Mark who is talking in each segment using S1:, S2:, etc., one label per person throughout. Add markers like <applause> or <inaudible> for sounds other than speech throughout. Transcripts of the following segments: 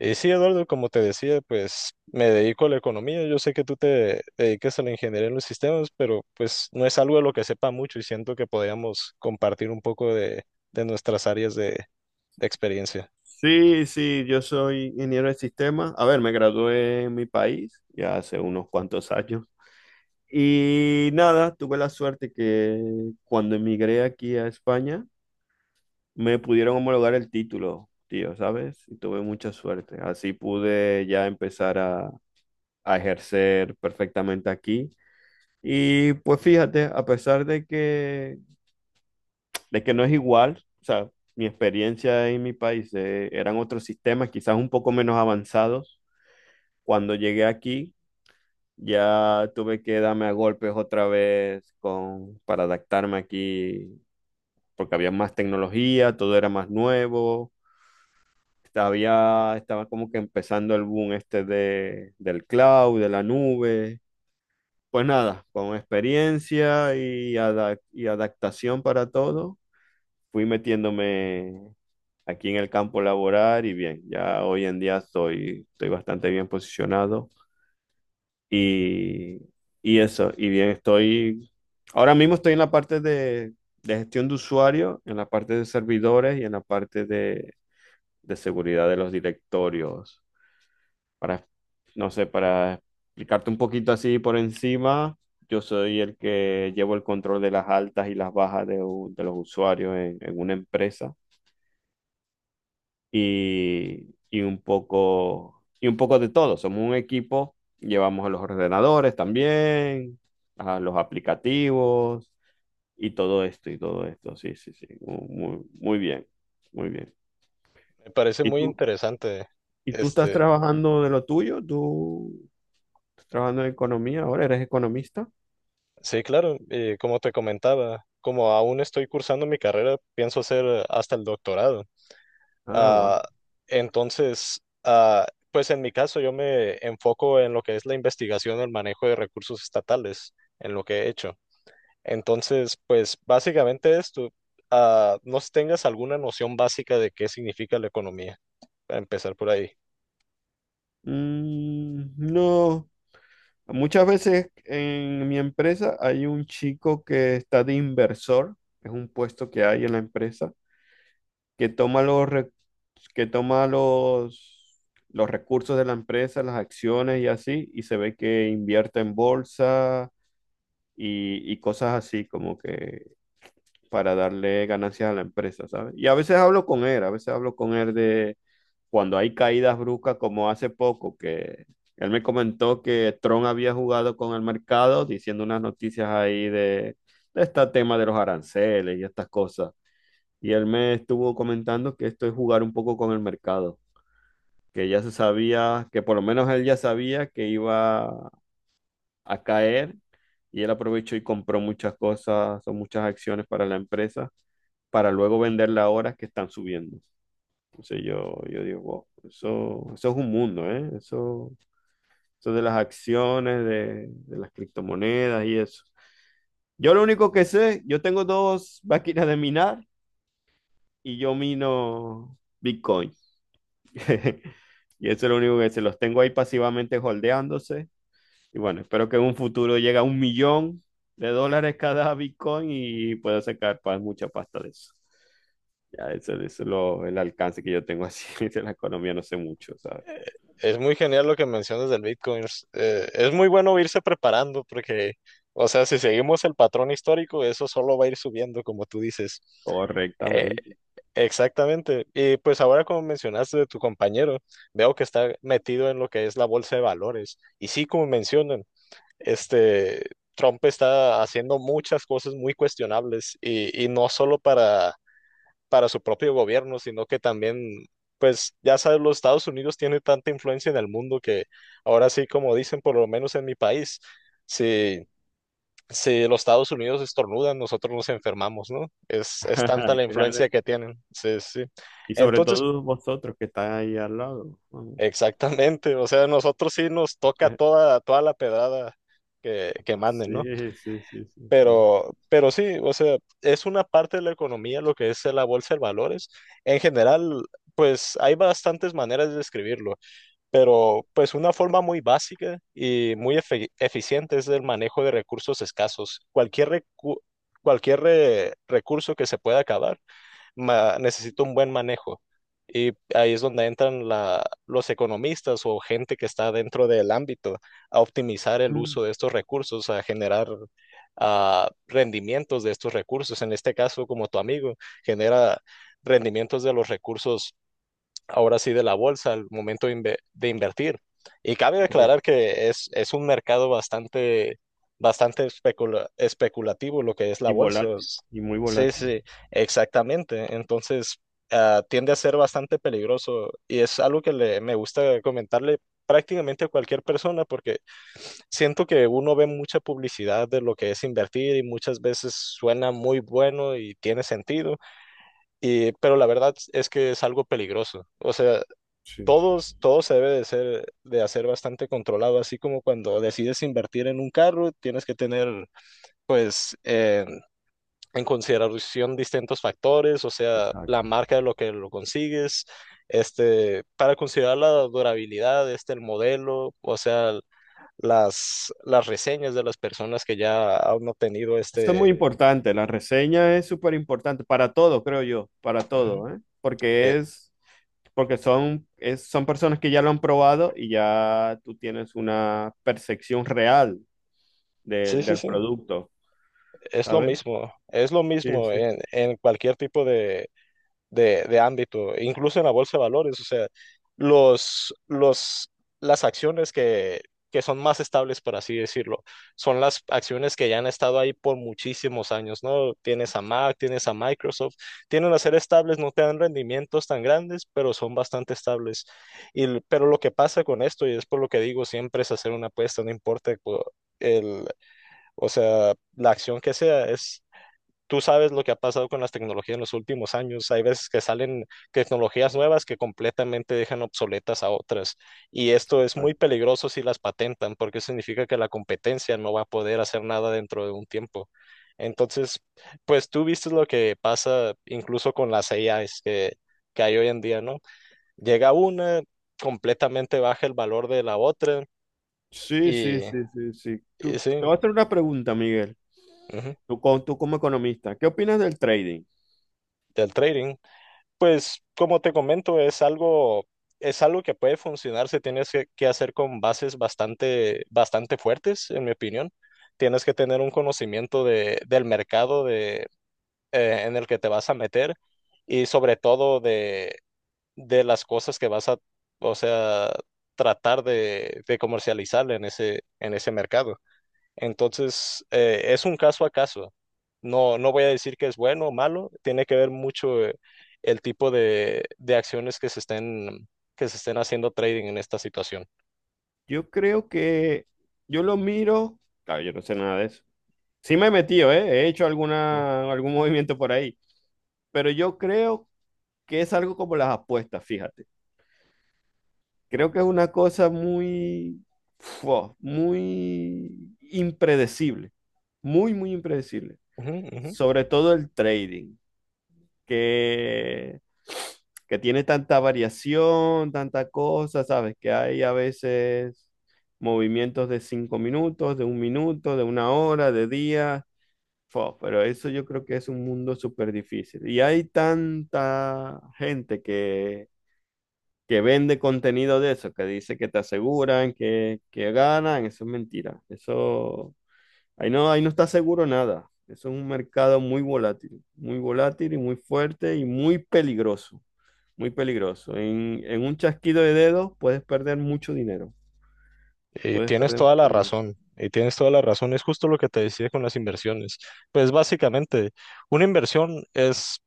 S1: Y sí, Eduardo, como te decía, pues me dedico a la economía. Yo sé que tú te dedicas a la ingeniería en los sistemas, pero pues no es algo de lo que sepa mucho y siento que podríamos compartir un poco de nuestras áreas de experiencia.
S2: Sí, sí, yo soy ingeniero de sistemas. A ver, me gradué en mi país ya hace unos cuantos años. Y nada, tuve la suerte que cuando emigré aquí a España me pudieron homologar el título, tío, ¿sabes? Y tuve mucha suerte. Así pude ya empezar a ejercer perfectamente aquí. Y pues fíjate, a pesar de que no es igual, o sea, mi experiencia en mi país eran otros sistemas, quizás un poco menos avanzados. Cuando llegué aquí, ya tuve que darme a golpes otra vez con, para adaptarme aquí, porque había más tecnología, todo era más nuevo. Estaba como que empezando el boom este del cloud, de la nube. Pues nada, con experiencia y, y adaptación para todo, fui metiéndome aquí en el campo laboral y bien, ya hoy en día estoy bastante bien posicionado. Y, y eso, y bien, ahora mismo estoy en la parte de gestión de usuario, en la parte de servidores y en la parte de seguridad de los directorios. Para, no sé, para explicarte un poquito así por encima, yo soy el que llevo el control de las altas y las bajas de los usuarios en una empresa. Y un poco, y un poco de todo. Somos un equipo, llevamos a los ordenadores también, a los aplicativos y todo esto y todo esto. Sí, sí, sí. Muy, muy bien, muy bien.
S1: Me parece
S2: ¿Y
S1: muy
S2: tú,
S1: interesante.
S2: y tú estás
S1: Este,
S2: trabajando de lo tuyo? ¿Tú estás trabajando en economía ahora? ¿Eres economista?
S1: sí, claro, y como te comentaba, como aún estoy cursando mi carrera, pienso hacer hasta el doctorado.
S2: Ah, va.
S1: Ah, entonces, pues en mi caso yo me enfoco en lo que es la investigación o el manejo de recursos estatales, en lo que he hecho. Entonces, pues básicamente esto, no sé si tengas alguna noción básica de qué significa la economía, para empezar por ahí.
S2: Mm, no, muchas veces en mi empresa hay un chico que está de inversor, es un puesto que hay en la empresa que toma los recursos de la empresa, las acciones y así, y se ve que invierte en bolsa y cosas así como que para darle ganancias a la empresa, ¿sabes? Y a veces hablo con él de cuando hay caídas bruscas como hace poco, que él me comentó que Tron había jugado con el mercado diciendo unas noticias ahí de este tema de los aranceles y estas cosas y él me estuvo comentando que esto es jugar un poco con el mercado, que ya se sabía, que por lo menos él ya sabía que iba a caer y él aprovechó y compró muchas cosas o muchas acciones para la empresa para luego venderla ahora que están subiendo. Entonces yo digo, wow, eso es un mundo, ¿eh? Eso de las acciones, de las criptomonedas y eso. Yo lo único que sé, yo tengo dos máquinas de minar y yo mino Bitcoin. <laughs> Y eso es lo único que se los tengo ahí pasivamente holdeándose. Y bueno, espero que en un futuro llegue a 1 millón de dólares cada <laughs> Bitcoin y pueda sacar mucha pasta de eso. Ya, el alcance que yo tengo así <laughs> de la economía, no sé mucho, ¿sabes?
S1: Es muy genial lo que mencionas del Bitcoin. Es es muy bueno irse preparando porque, o sea, si seguimos el patrón histórico, eso solo va a ir subiendo, como tú dices. Eh,
S2: Correctamente.
S1: Exactamente. Y pues ahora como mencionaste de tu compañero, veo que está metido en lo que es la bolsa de valores. Y sí, como mencionan, este Trump está haciendo muchas cosas muy cuestionables y no solo para su propio gobierno, sino que también, pues ya sabes, los Estados Unidos tiene tanta influencia en el mundo que ahora sí, como dicen, por lo menos en mi país, sí si los Estados Unidos estornudan, nosotros nos enfermamos, ¿no? Es
S2: <laughs>
S1: tanta la
S2: Claro.
S1: influencia que tienen. Sí, sí, sí.
S2: Y sobre
S1: Entonces,
S2: todo vosotros que están ahí al lado. Vamos.
S1: exactamente, o sea, nosotros sí nos toca
S2: <laughs>
S1: toda la pedrada que manden, ¿no?
S2: Sí, sí, sí, sí, sí.
S1: Pero sí, o sea, es una parte de la economía lo que es la bolsa de valores. En general, pues hay bastantes maneras de describirlo, pero pues una forma muy básica y eficiente es el manejo de recursos escasos. Cualquier, recu- cualquier re- recurso que se pueda acabar necesita un buen manejo. Y ahí es donde entran los economistas o gente que está dentro del ámbito a optimizar el
S2: Mm.
S1: uso de estos recursos, a generar rendimientos de estos recursos. En este caso, como tu amigo, genera rendimientos de los recursos ahora sí de la bolsa al momento de invertir. Y cabe
S2: Correcto.
S1: aclarar que es un mercado especulativo lo que es la
S2: Y
S1: bolsa.
S2: volátil, y muy
S1: Sí,
S2: volátil.
S1: sí, exactamente. Entonces, tiende a ser bastante peligroso y es algo que me gusta comentarle prácticamente a cualquier persona porque siento que uno ve mucha publicidad de lo que es invertir y muchas veces suena muy bueno y tiene sentido, pero la verdad es que es algo peligroso. O sea,
S2: Sí, sí, sí.
S1: todo se debe de hacer bastante controlado, así como cuando decides invertir en un carro, tienes que tener, pues, en consideración distintos factores, o sea, la
S2: Exacto.
S1: marca de lo que lo consigues, este, para considerar la durabilidad, este, el modelo, o sea, las reseñas de las personas que ya han obtenido
S2: Eso es muy
S1: este.
S2: importante, la reseña es súper importante para todo, creo yo, para
S1: Ujú.
S2: todo, ¿eh?
S1: eh,
S2: Porque son, son personas que ya lo han probado y ya tú tienes una percepción real
S1: sí, sí,
S2: del
S1: sí,
S2: producto, ¿sabes?
S1: es lo
S2: Sí,
S1: mismo
S2: sí.
S1: en cualquier tipo de ámbito, incluso en la bolsa de valores, o sea, los, los, las acciones que son más estables, por así decirlo, son las acciones que ya han estado ahí por muchísimos años, ¿no? Tienes a Mac, tienes a Microsoft, tienen a ser estables, no te dan rendimientos tan grandes, pero son bastante estables. Y, pero lo que pasa con esto, y es por lo que digo, siempre es hacer una apuesta, no importa el, o sea, la acción que sea, es. Tú sabes lo que ha pasado con las tecnologías en los últimos años. Hay veces que salen tecnologías nuevas que completamente dejan obsoletas a otras. Y esto es muy peligroso si las patentan, porque significa que la competencia no va a poder hacer nada dentro de un tiempo. Entonces, pues tú viste lo que pasa incluso con las AIs que hay hoy en día, ¿no? Llega una, completamente baja el valor de la otra
S2: Sí,
S1: y,
S2: sí, sí, sí, sí.
S1: y
S2: Tú, te
S1: sí,
S2: voy a hacer una pregunta, Miguel.
S1: ujú,
S2: Tú, tú como economista, ¿qué opinas del trading?
S1: del trading. Pues como te comento, es algo que puede funcionar si tienes que hacer con bases bastante fuertes, en mi opinión. Tienes que tener un conocimiento del mercado de, en el que te vas a meter y sobre todo de las cosas que vas a, o sea, tratar de comercializar en ese mercado. Entonces, es un caso a caso. No, no voy a decir que es bueno o malo, tiene que ver mucho el tipo de acciones que se estén haciendo trading en esta situación.
S2: Yo creo que yo lo miro, claro, yo no sé nada de eso. Sí me he metido, ¿eh? He hecho
S1: Mm.
S2: alguna, algún movimiento por ahí, pero yo creo que es algo como las apuestas, fíjate. Creo que es una cosa muy, fua, muy impredecible, muy, muy impredecible.
S1: Ujú, ujú.
S2: Sobre todo el trading, que, que tiene tanta variación, tanta cosa, ¿sabes? Que hay a veces movimientos de 5 minutos, de 1 minuto, de 1 hora, de día. Fua, pero eso yo creo que es un mundo súper difícil. Y hay tanta gente que vende contenido de eso, que dice que te aseguran, que ganan, eso es mentira. Eso, ahí no está seguro nada. Eso es un mercado muy volátil y muy fuerte y muy peligroso, muy peligroso. En un chasquido de dedos puedes perder mucho dinero,
S1: Y
S2: puedes
S1: tienes
S2: perder
S1: toda
S2: mucho
S1: la
S2: dinero.
S1: razón, y tienes toda la razón, es justo lo que te decía con las inversiones. Pues básicamente, una inversión es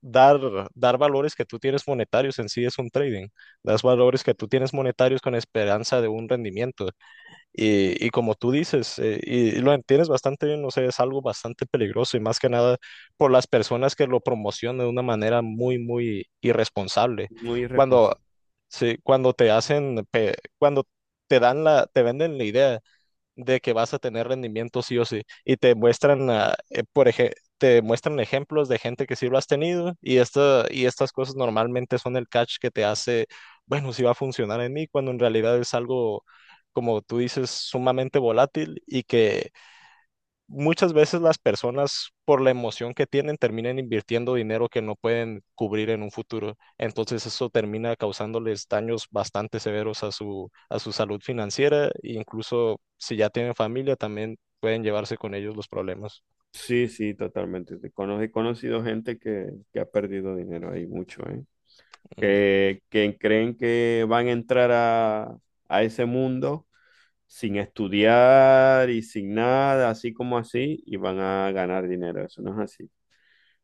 S1: dar, dar valores que tú tienes monetarios, en sí es un trading, das valores que tú tienes monetarios con esperanza de un rendimiento. Y como tú dices, y lo entiendes bastante bien, no sé, es algo bastante peligroso y más que nada por las personas que lo promocionan de una manera muy, muy irresponsable.
S2: Muy
S1: Cuando,
S2: irresponsable.
S1: sí, cuando te dan te venden la idea de que vas a tener rendimiento sí o sí. Y te muestran, te muestran ejemplos de gente que sí lo has tenido y estas cosas normalmente son el catch que te hace, bueno, sí va a funcionar en mí, cuando en realidad es algo, como tú dices, sumamente volátil y que muchas veces las personas, por la emoción que tienen, terminan invirtiendo dinero que no pueden cubrir en un futuro. Entonces eso termina causándoles daños bastante severos a a su salud financiera e incluso si ya tienen familia, también pueden llevarse con ellos los problemas.
S2: Sí, sí, totalmente. He conocido gente que ha perdido dinero ahí mucho, ¿eh?
S1: Ujú.
S2: Que creen que van a entrar a ese mundo sin estudiar y sin nada, así como así, y van a ganar dinero. Eso no es así.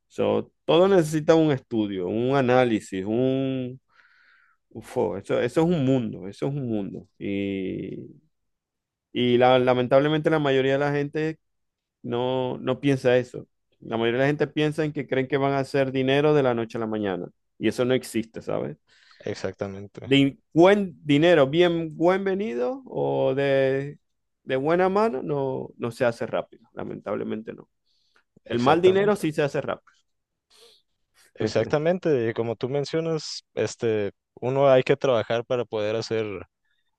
S2: So, todo necesita un estudio, un análisis, un... Ufo, eso es un mundo, eso es un mundo. Lamentablemente la mayoría de la gente no, no piensa eso. La mayoría de la gente piensa en que creen que van a hacer dinero de la noche a la mañana. Y eso no existe, ¿sabes?
S1: Exactamente,
S2: De buen dinero, bien buen venido o de buena mano, no, no se hace rápido, lamentablemente no. El mal dinero
S1: exactamente,
S2: sí se hace rápido.
S1: exactamente. Y como tú mencionas, este, uno hay que trabajar para poder hacer.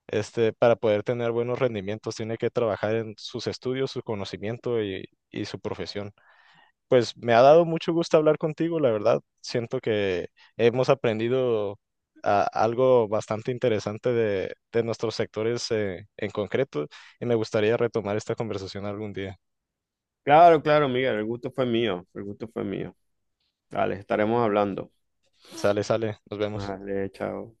S1: Este, para poder tener buenos rendimientos, tiene que trabajar en sus estudios, su conocimiento y su profesión. Pues me ha dado mucho gusto hablar contigo, la verdad. Siento que hemos aprendido algo bastante interesante de nuestros sectores en concreto y me gustaría retomar esta conversación algún día.
S2: Claro, claro, Miguel, el gusto fue mío, el gusto fue mío. Dale, estaremos hablando.
S1: Sale, sale, nos vemos.
S2: Vale, chao.